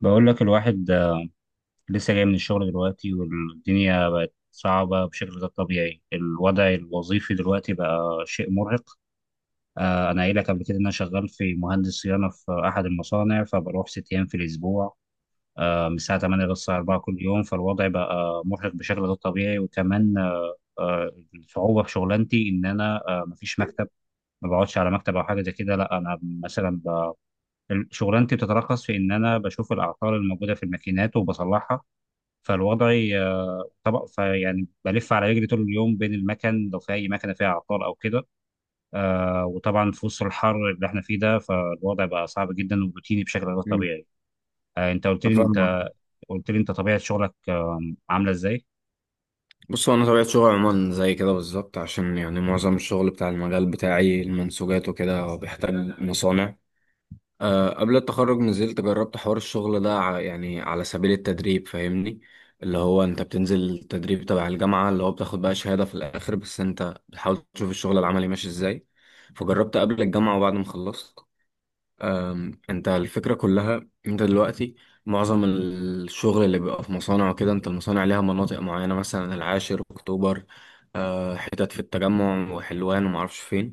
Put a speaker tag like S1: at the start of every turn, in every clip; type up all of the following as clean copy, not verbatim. S1: بقول لك الواحد، لسه جاي من الشغل دلوقتي، والدنيا بقت صعبة بشكل غير طبيعي. الوضع الوظيفي دلوقتي بقى شيء مرهق. أنا قايل لك قبل كده إن أنا شغال في مهندس صيانة في أحد المصانع، فبروح ست أيام في الأسبوع، من الساعة 8 للساعة
S2: مم.
S1: 4 كل يوم. فالوضع بقى مرهق بشكل غير طبيعي، وكمان الصعوبة في شغلانتي إن أنا، مفيش مكتب. ما بقعدش على مكتب او حاجه زي كده، لا انا مثلا شغلانتي بتتركز في ان انا بشوف الاعطال الموجوده في الماكينات وبصلحها. فالوضع طبق فيعني بلف على رجلي طول اليوم بين المكن، لو في اي مكنه فيها عطال او كده. وطبعا في وسط الحر اللي احنا فيه ده، فالوضع بقى صعب جدا وروتيني بشكل غير طبيعي. انت قلت لي،
S2: أنا فاهمك.
S1: انت طبيعه شغلك عامله ازاي؟
S2: بص، هو انا طبيعه شغلي عموما زي كده بالظبط، عشان يعني معظم الشغل بتاع المجال بتاعي المنسوجات وكده هو بيحتاج مصانع. أه، قبل التخرج نزلت جربت حوار الشغل ده يعني على سبيل التدريب، فاهمني؟ اللي هو انت بتنزل تدريب تبع الجامعه، اللي هو بتاخد بقى شهاده في الاخر، بس انت بتحاول تشوف الشغل العملي ماشي ازاي. فجربت قبل الجامعه وبعد ما خلصت. انت الفكرة كلها، انت دلوقتي معظم الشغل اللي بيبقى في مصانع وكده، انت المصانع ليها مناطق معينة، مثلا العاشر، اكتوبر، حتت في التجمع وحلوان ومعرفش فين.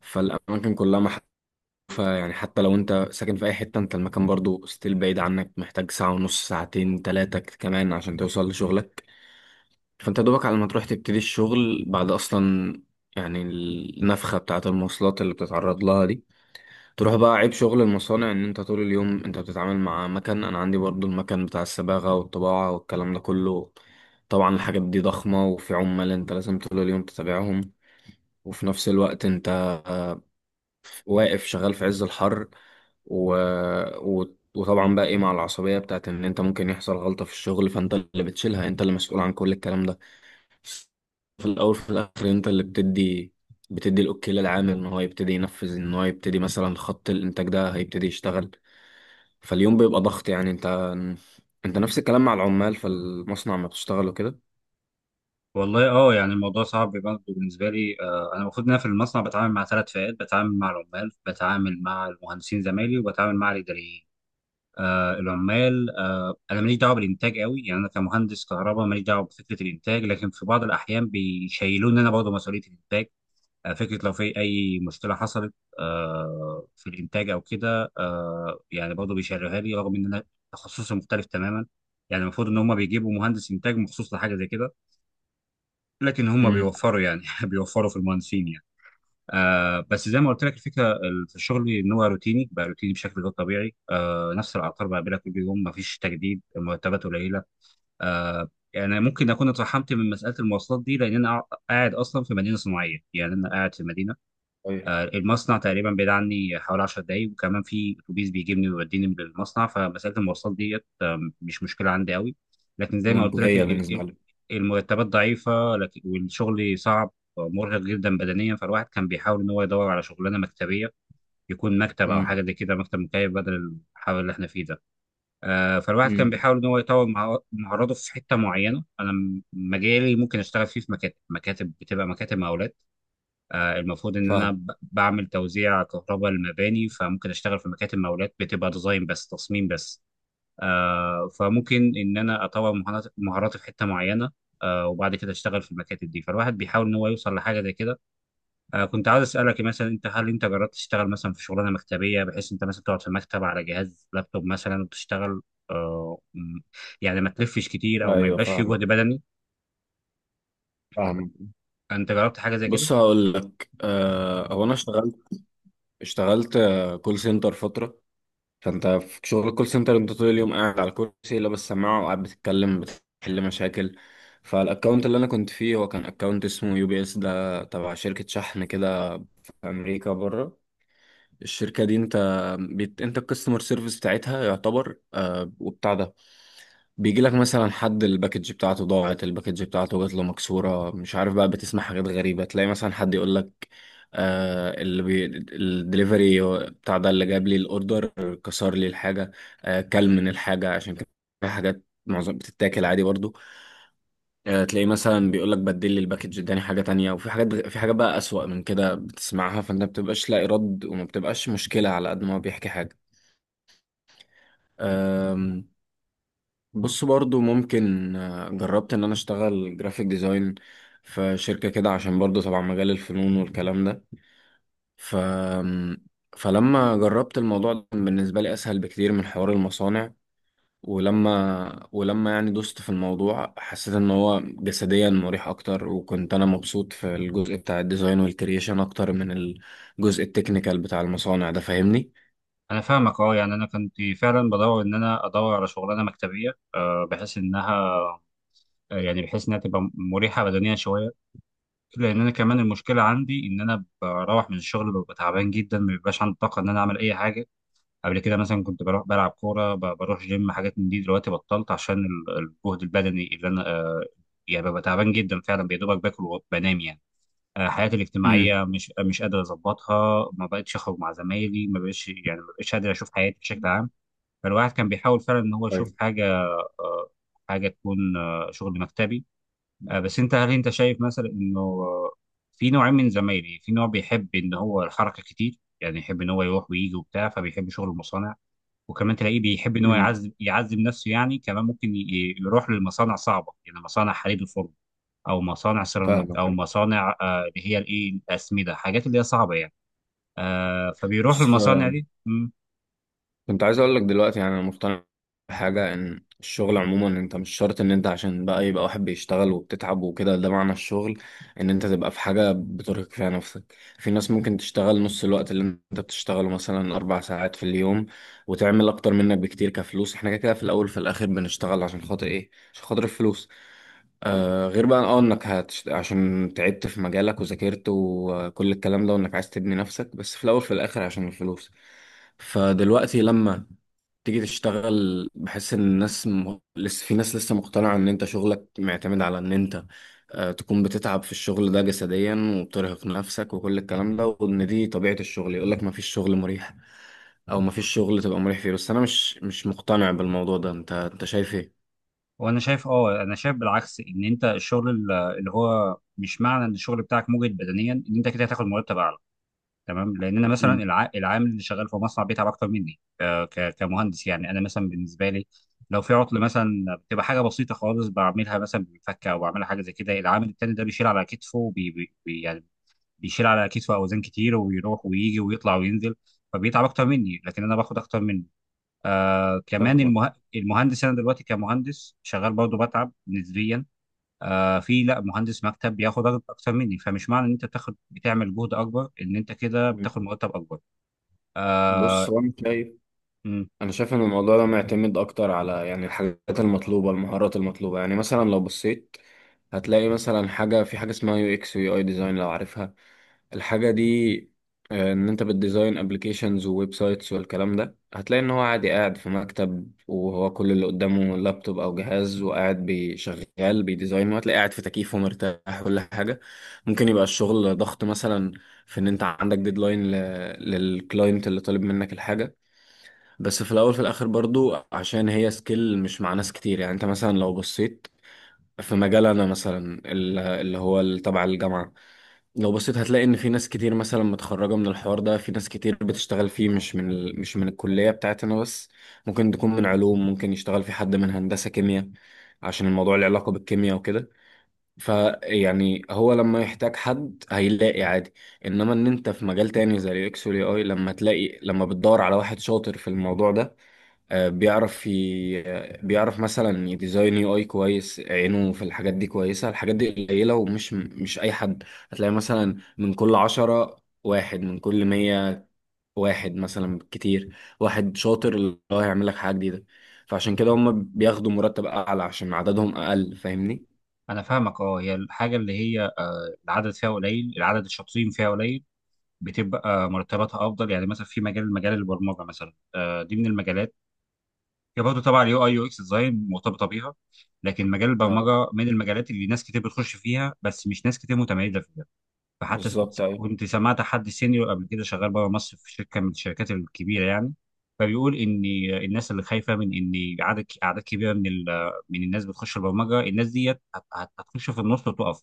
S2: فالأماكن كلها محذوفة. يعني حتى لو انت ساكن في أي حتة، انت المكان برضو ستيل بعيد عنك، محتاج ساعة ونص، ساعتين، تلاتة كمان عشان توصل لشغلك. فانت دوبك على ما تروح تبتدي الشغل بعد أصلا. يعني النفخة بتاعة المواصلات اللي بتتعرض لها دي. تروح بقى، عيب شغل المصانع ان انت طول اليوم انت بتتعامل مع مكن. انا عندي برضو المكن بتاع الصباغة والطباعة والكلام ده كله. طبعا الحاجات دي ضخمة، وفي عمال انت لازم طول اليوم تتابعهم. وفي نفس الوقت انت واقف شغال في عز الحر و... وطبعا بقى ايه، مع العصبية بتاعت ان انت ممكن يحصل غلطة في الشغل، فانت اللي بتشيلها، انت اللي مسؤول عن كل الكلام ده. في الاول في الاخر انت اللي بتدي الاوكي للعامل ان هو يبتدي ينفذ، ان هو يبتدي مثلا خط الانتاج ده هيبتدي يشتغل. فاليوم بيبقى ضغط، يعني انت نفس الكلام مع العمال في المصنع ما بتشتغل وكده.
S1: والله، يعني الموضوع صعب برضه بالنسبه لي. انا المفروض ان انا في المصنع بتعامل مع ثلاث فئات: بتعامل مع العمال، بتعامل مع المهندسين زمايلي، وبتعامل مع الاداريين. العمال، انا ماليش دعوه بالانتاج قوي، يعني انا كمهندس كهرباء ماليش دعوه بفكره الانتاج، لكن في بعض الاحيان بيشيلوني انا برضه مسؤوليه الانتاج. فكره لو في اي مشكله حصلت في الانتاج او كده، يعني برضه بيشيلوها لي، رغم ان انا تخصصي مختلف تماما. يعني المفروض ان هم بيجيبوا مهندس انتاج مخصوص لحاجه زي كده، لكن هم
S2: امم.
S1: بيوفروا يعني بيوفروا في المهندسين يعني. بس زي ما قلت لك، الفكره في الشغل ان هو روتيني، بقى روتيني بشكل غير طبيعي. نفس الاعطال بقابلها كل يوم، مفيش تجديد، المرتبات قليله. يعني ممكن اكون اترحمت من مساله المواصلات دي، لان انا قاعد اصلا في مدينه صناعيه، يعني انا قاعد في مدينه.
S2: طيب.
S1: المصنع تقريبا بعيد عني حوالي 10 دقايق، وكمان في اتوبيس بيجيبني ويوديني للمصنع، فمساله المواصلات ديت مش مشكله عندي قوي. لكن زي ما قلت لك،
S2: منتهية بالنسبة لي.
S1: المرتبات ضعيفه، لكن والشغل صعب، مرهق جدا بدنيا. فالواحد كان بيحاول ان هو يدور على شغلانه مكتبيه، يكون مكتب او حاجه
S2: امم.
S1: زي كده، مكتب مكيف بدل الحر اللي احنا فيه ده. فالواحد كان
S2: امم.
S1: بيحاول ان هو يطور مهاراته في حته معينه. انا مجالي ممكن اشتغل فيه في مكاتب، مكاتب بتبقى مكاتب مقاولات. المفروض ان انا
S2: فاهم.
S1: بعمل توزيع كهرباء للمباني، فممكن اشتغل في مكاتب مقاولات بتبقى ديزاين بس، تصميم بس. فممكن ان انا اطور مهاراتي في حته معينه، وبعد كده اشتغل في المكاتب دي. فالواحد بيحاول ان هو يوصل لحاجه زي كده. كنت عاوز اسالك، مثلا انت، هل انت جربت تشتغل مثلا في شغلانه مكتبيه، بحيث انت مثلا تقعد في مكتب على جهاز لابتوب مثلا وتشتغل؟ آه، م- يعني ما تلفش كتير او ما
S2: ايوه،
S1: يبقاش فيه
S2: فاهم.
S1: جهد بدني.
S2: فاهم.
S1: انت جربت حاجه زي كده؟
S2: بص، هقول لك. هو انا اشتغلت، كول سنتر فترة. فانت في شغل الكول سنتر انت طول اليوم قاعد على الكرسي، لابس سماعة، وقاعد بتتكلم بتحل مشاكل. فالاكونت اللي انا كنت فيه هو كان اكونت اسمه يو بي اس، ده تبع شركة شحن كده في امريكا بره. الشركة دي انت انت الكاستمر سيرفيس بتاعتها يعتبر، وبتاع ده بيجي لك مثلا حد الباكج بتاعته ضاعت، الباكج بتاعته جات له مكسورة، مش عارف بقى. بتسمع حاجات غريبة. تلاقي مثلا حد يقول لك، آه اللي بي... الدليفري بتاع ده اللي جاب لي الاوردر كسر لي الحاجة، آه كل من الحاجة، عشان كان في حاجات معظم بتتاكل عادي برضو. تلاقيه مثلا بيقول لك بدل لي الباكج، اداني حاجه تانية. وفي حاجات، في حاجات بقى اسوأ من كده بتسمعها، فانت ما بتبقاش لاقي رد، وما بتبقاش مشكله على قد ما هو بيحكي حاجه. آم، بص برضو ممكن، جربت ان انا اشتغل جرافيك ديزاين في شركه كده، عشان برضو طبعا مجال الفنون والكلام ده. ف فلما جربت الموضوع ده كان بالنسبه لي اسهل بكتير من حوار المصانع. ولما يعني دوست في الموضوع، حسيت ان هو جسديا مريح اكتر، وكنت انا مبسوط في الجزء بتاع الديزاين والكرييشن اكتر من الجزء التكنيكال بتاع المصانع ده، فاهمني؟
S1: انا فاهمك. اه يعني انا كنت فعلا بدور ان انا ادور على شغلانه مكتبيه، بحيث انها، يعني بحيث انها تبقى مريحه بدنيا شويه. لان انا كمان، المشكله عندي ان انا بروح من الشغل ببقى تعبان جدا، ما بيبقاش عندي طاقه ان انا اعمل اي حاجه. قبل كده مثلا كنت بروح بلعب كوره، بروح جيم، حاجات من دي دلوقتي بطلت عشان الجهد البدني اللي انا، يعني ببقى تعبان جدا فعلا، يا دوبك باكل وبنام يعني. حياتي
S2: امم.
S1: الاجتماعيه مش قادر اظبطها، ما بقتش اخرج مع زمايلي، ما بقتش قادر اشوف حياتي بشكل عام. فالواحد كان بيحاول فعلا ان هو يشوف
S2: طيب.
S1: حاجه، آه، حاجه تكون شغل مكتبي. بس انت، هل انت شايف مثلا انه، في نوعين من زمايلي: في نوع بيحب ان هو الحركه كتير، يعني يحب ان هو يروح ويجي وبتاع، فبيحب شغل المصانع. وكمان تلاقيه بيحب ان هو
S2: امم.
S1: يعذب يعذب نفسه، يعني كمان ممكن يروح للمصانع صعبه، يعني مصانع حديد الفرن، او مصانع سيراميك، او
S2: فاهمك.
S1: مصانع اللي هي الايه، الاسمده، حاجات اللي هي صعبه يعني. فبيروح
S2: بص،
S1: للمصانع دي.
S2: كنت عايز اقول لك دلوقتي، يعني انا مقتنع بحاجه، ان الشغل عموما انت مش شرط ان انت عشان بقى يبقى واحد بيشتغل وبتتعب وكده، ده معنى الشغل، ان انت تبقى في حاجه بترهق فيها نفسك. في ناس ممكن تشتغل نص الوقت اللي انت بتشتغله، مثلا اربع ساعات في اليوم، وتعمل اكتر منك بكتير كفلوس. احنا كده كده في الاول في الاخر بنشتغل عشان خاطر ايه؟ عشان خاطر الفلوس. آه، غير بقى انك عشان تعبت في مجالك وذاكرت وكل الكلام ده، وانك عايز تبني نفسك، بس في الاول في الاخر عشان الفلوس. فدلوقتي لما تيجي تشتغل، بحس ان الناس لسه في ناس لسه مقتنعة ان انت شغلك معتمد على ان انت تكون بتتعب في الشغل ده جسديا، وبترهق نفسك وكل الكلام ده، وان دي طبيعة الشغل. يقول لك ما فيش شغل مريح، او ما فيش شغل تبقى مريح فيه، بس انا مش مقتنع بالموضوع ده. انت انت شايف ايه؟
S1: وانا شايف، انا شايف بالعكس، ان انت الشغل اللي هو مش معنى ان الشغل بتاعك مجهد بدنيا ان انت كده هتاخد مرتب اعلى. تمام. لان انا مثلا
S2: مم.
S1: العامل اللي شغال في مصنع بيتعب اكتر مني، كمهندس. يعني انا مثلا بالنسبه لي، لو في عطل مثلا، بتبقى حاجه بسيطه خالص، بعملها مثلا بالفكه او بعملها حاجه زي كده. العامل التاني ده بيشيل على كتفه، وبي... بي... بي- يعني بيشيل على كتفه اوزان كتير، ويروح ويجي ويطلع وينزل، فبيتعب اكتر مني لكن انا باخد اكتر منه. كمان
S2: فاهمك.
S1: المهندس، انا دلوقتي كمهندس شغال برضه بتعب نسبيا. في، لا، مهندس مكتب بياخد راتب اكتر مني، فمش معنى ان انت بتاخد بتعمل جهد اكبر ان انت كده
S2: مم.
S1: بتاخد مرتب اكبر. آه
S2: بص، هو انا شايف،
S1: مم،
S2: ان الموضوع ده معتمد اكتر على، يعني الحاجات المطلوبة، المهارات المطلوبة. يعني مثلا لو بصيت هتلاقي مثلا حاجة، في حاجة اسمها يو اكس ويو اي ديزاين، لو عارفها الحاجة دي، ان انت بتديزاين ابلكيشنز وويب سايتس والكلام ده. هتلاقي ان هو عادي قاعد في مكتب، وهو كل اللي قدامه لابتوب او جهاز، وقاعد بيشغل بيديزاين، وهتلاقي قاعد في تكييف ومرتاح كل حاجة. ممكن يبقى الشغل ضغط مثلا في ان انت عندك ديدلاين للكلاينت اللي طالب منك الحاجة. بس في الاول في الاخر برضو عشان هي سكيل مش مع ناس كتير. يعني انت مثلا لو بصيت في مجال، انا مثلا تبع الجامعة. لو بصيت هتلاقي ان في ناس كتير مثلا متخرجه من الحوار ده، في ناس كتير بتشتغل فيه، مش من مش من الكليه بتاعتنا بس. ممكن تكون من علوم، ممكن يشتغل في حد من هندسه كيمياء عشان الموضوع له علاقه بالكيمياء وكده. فيعني هو لما يحتاج حد هيلاقي عادي. انما ان انت في مجال تاني زي الاكس والاي اي، لما تلاقي، لما بتدور على واحد شاطر في الموضوع ده، بيعرف ي... آه، بيعرف مثلا يديزاين يو اي كويس، عينه في الحاجات دي كويسة. الحاجات دي قليلة، ومش مش أي حد. هتلاقي مثلا من كل عشرة واحد، من كل مية واحد مثلا، كتير واحد شاطر اللي هو هيعمل لك حاجة جديدة. فعشان كده هم بياخدوا مرتب أعلى عشان عددهم أقل، فاهمني؟
S1: انا فاهمك. اه هي الحاجه اللي هي العدد فيها قليل، العدد الشاطرين فيها قليل، بتبقى مرتباتها افضل. يعني مثلا في مجال البرمجه مثلا، دي من المجالات. هي برضه طبعا اليو اي يو اكس ديزاين مرتبطه بيها، لكن مجال
S2: اه،
S1: البرمجه من المجالات اللي ناس كتير بتخش فيها، بس مش ناس كتير متميزه فيها. فحتى
S2: بالظبط
S1: كنت
S2: أيوة.
S1: كنت سمعت حد سينيور قبل كده شغال بره مصر في شركه من الشركات الكبيره يعني، فبيقول ان الناس اللي خايفه من ان اعداد كبيره من من الناس بتخش البرمجه، الناس ديت هتخش في النص وتقف،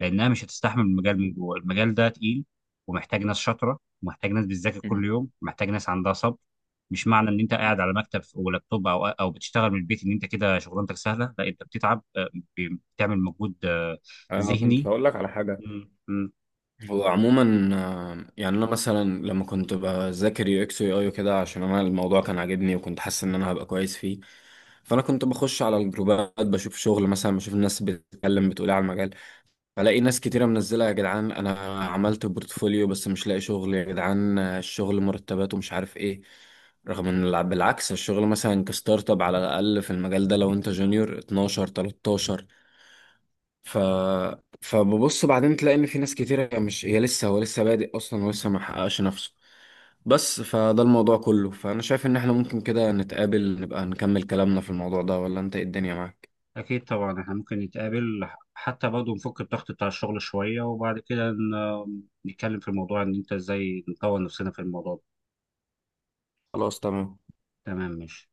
S1: لانها مش هتستحمل المجال. من جوه، المجال ده تقيل، ومحتاج ناس شاطره، ومحتاج ناس بتذاكر كل
S2: مم.
S1: يوم، محتاج ناس عندها صبر. مش معنى ان انت قاعد على مكتب ولابتوب او بتشتغل من البيت، ان انت كده شغلانتك سهله. لا، انت بتتعب، بتعمل مجهود
S2: أنا كنت
S1: ذهني.
S2: هقول لك على حاجة.
S1: مم.
S2: هو عموما، يعني انا مثلا لما كنت بذاكر يو اكس ويو اي وكده، عشان انا الموضوع كان عاجبني وكنت حاسس ان انا هبقى كويس فيه، فانا كنت بخش على الجروبات بشوف شغل، مثلا بشوف الناس بتتكلم بتقول إيه على المجال. بلاقي ناس كتيره منزله يا جدعان، انا عملت بورتفوليو بس مش لاقي شغل، يا جدعان الشغل مرتبات ومش عارف ايه. رغم ان بالعكس الشغل مثلا كستارت اب، على الاقل في المجال ده لو انت جونيور 12 13. ف فببص بعدين تلاقي ان في ناس كتير، هي مش هي لسه هو لسه بادئ اصلا ولسه ما حققش نفسه بس. فده الموضوع كله. فانا شايف ان احنا ممكن كده نتقابل، نبقى نكمل كلامنا في الموضوع ده، ولا انت إيه الدنيا معاك؟
S1: أكيد طبعا، إحنا ممكن نتقابل، حتى برضه نفك الضغط بتاع الشغل شوية، وبعد كده نتكلم في الموضوع إن أنت إزاي نطور نفسنا في الموضوع ده.
S2: خلاص. تمام.
S1: تمام، ماشي.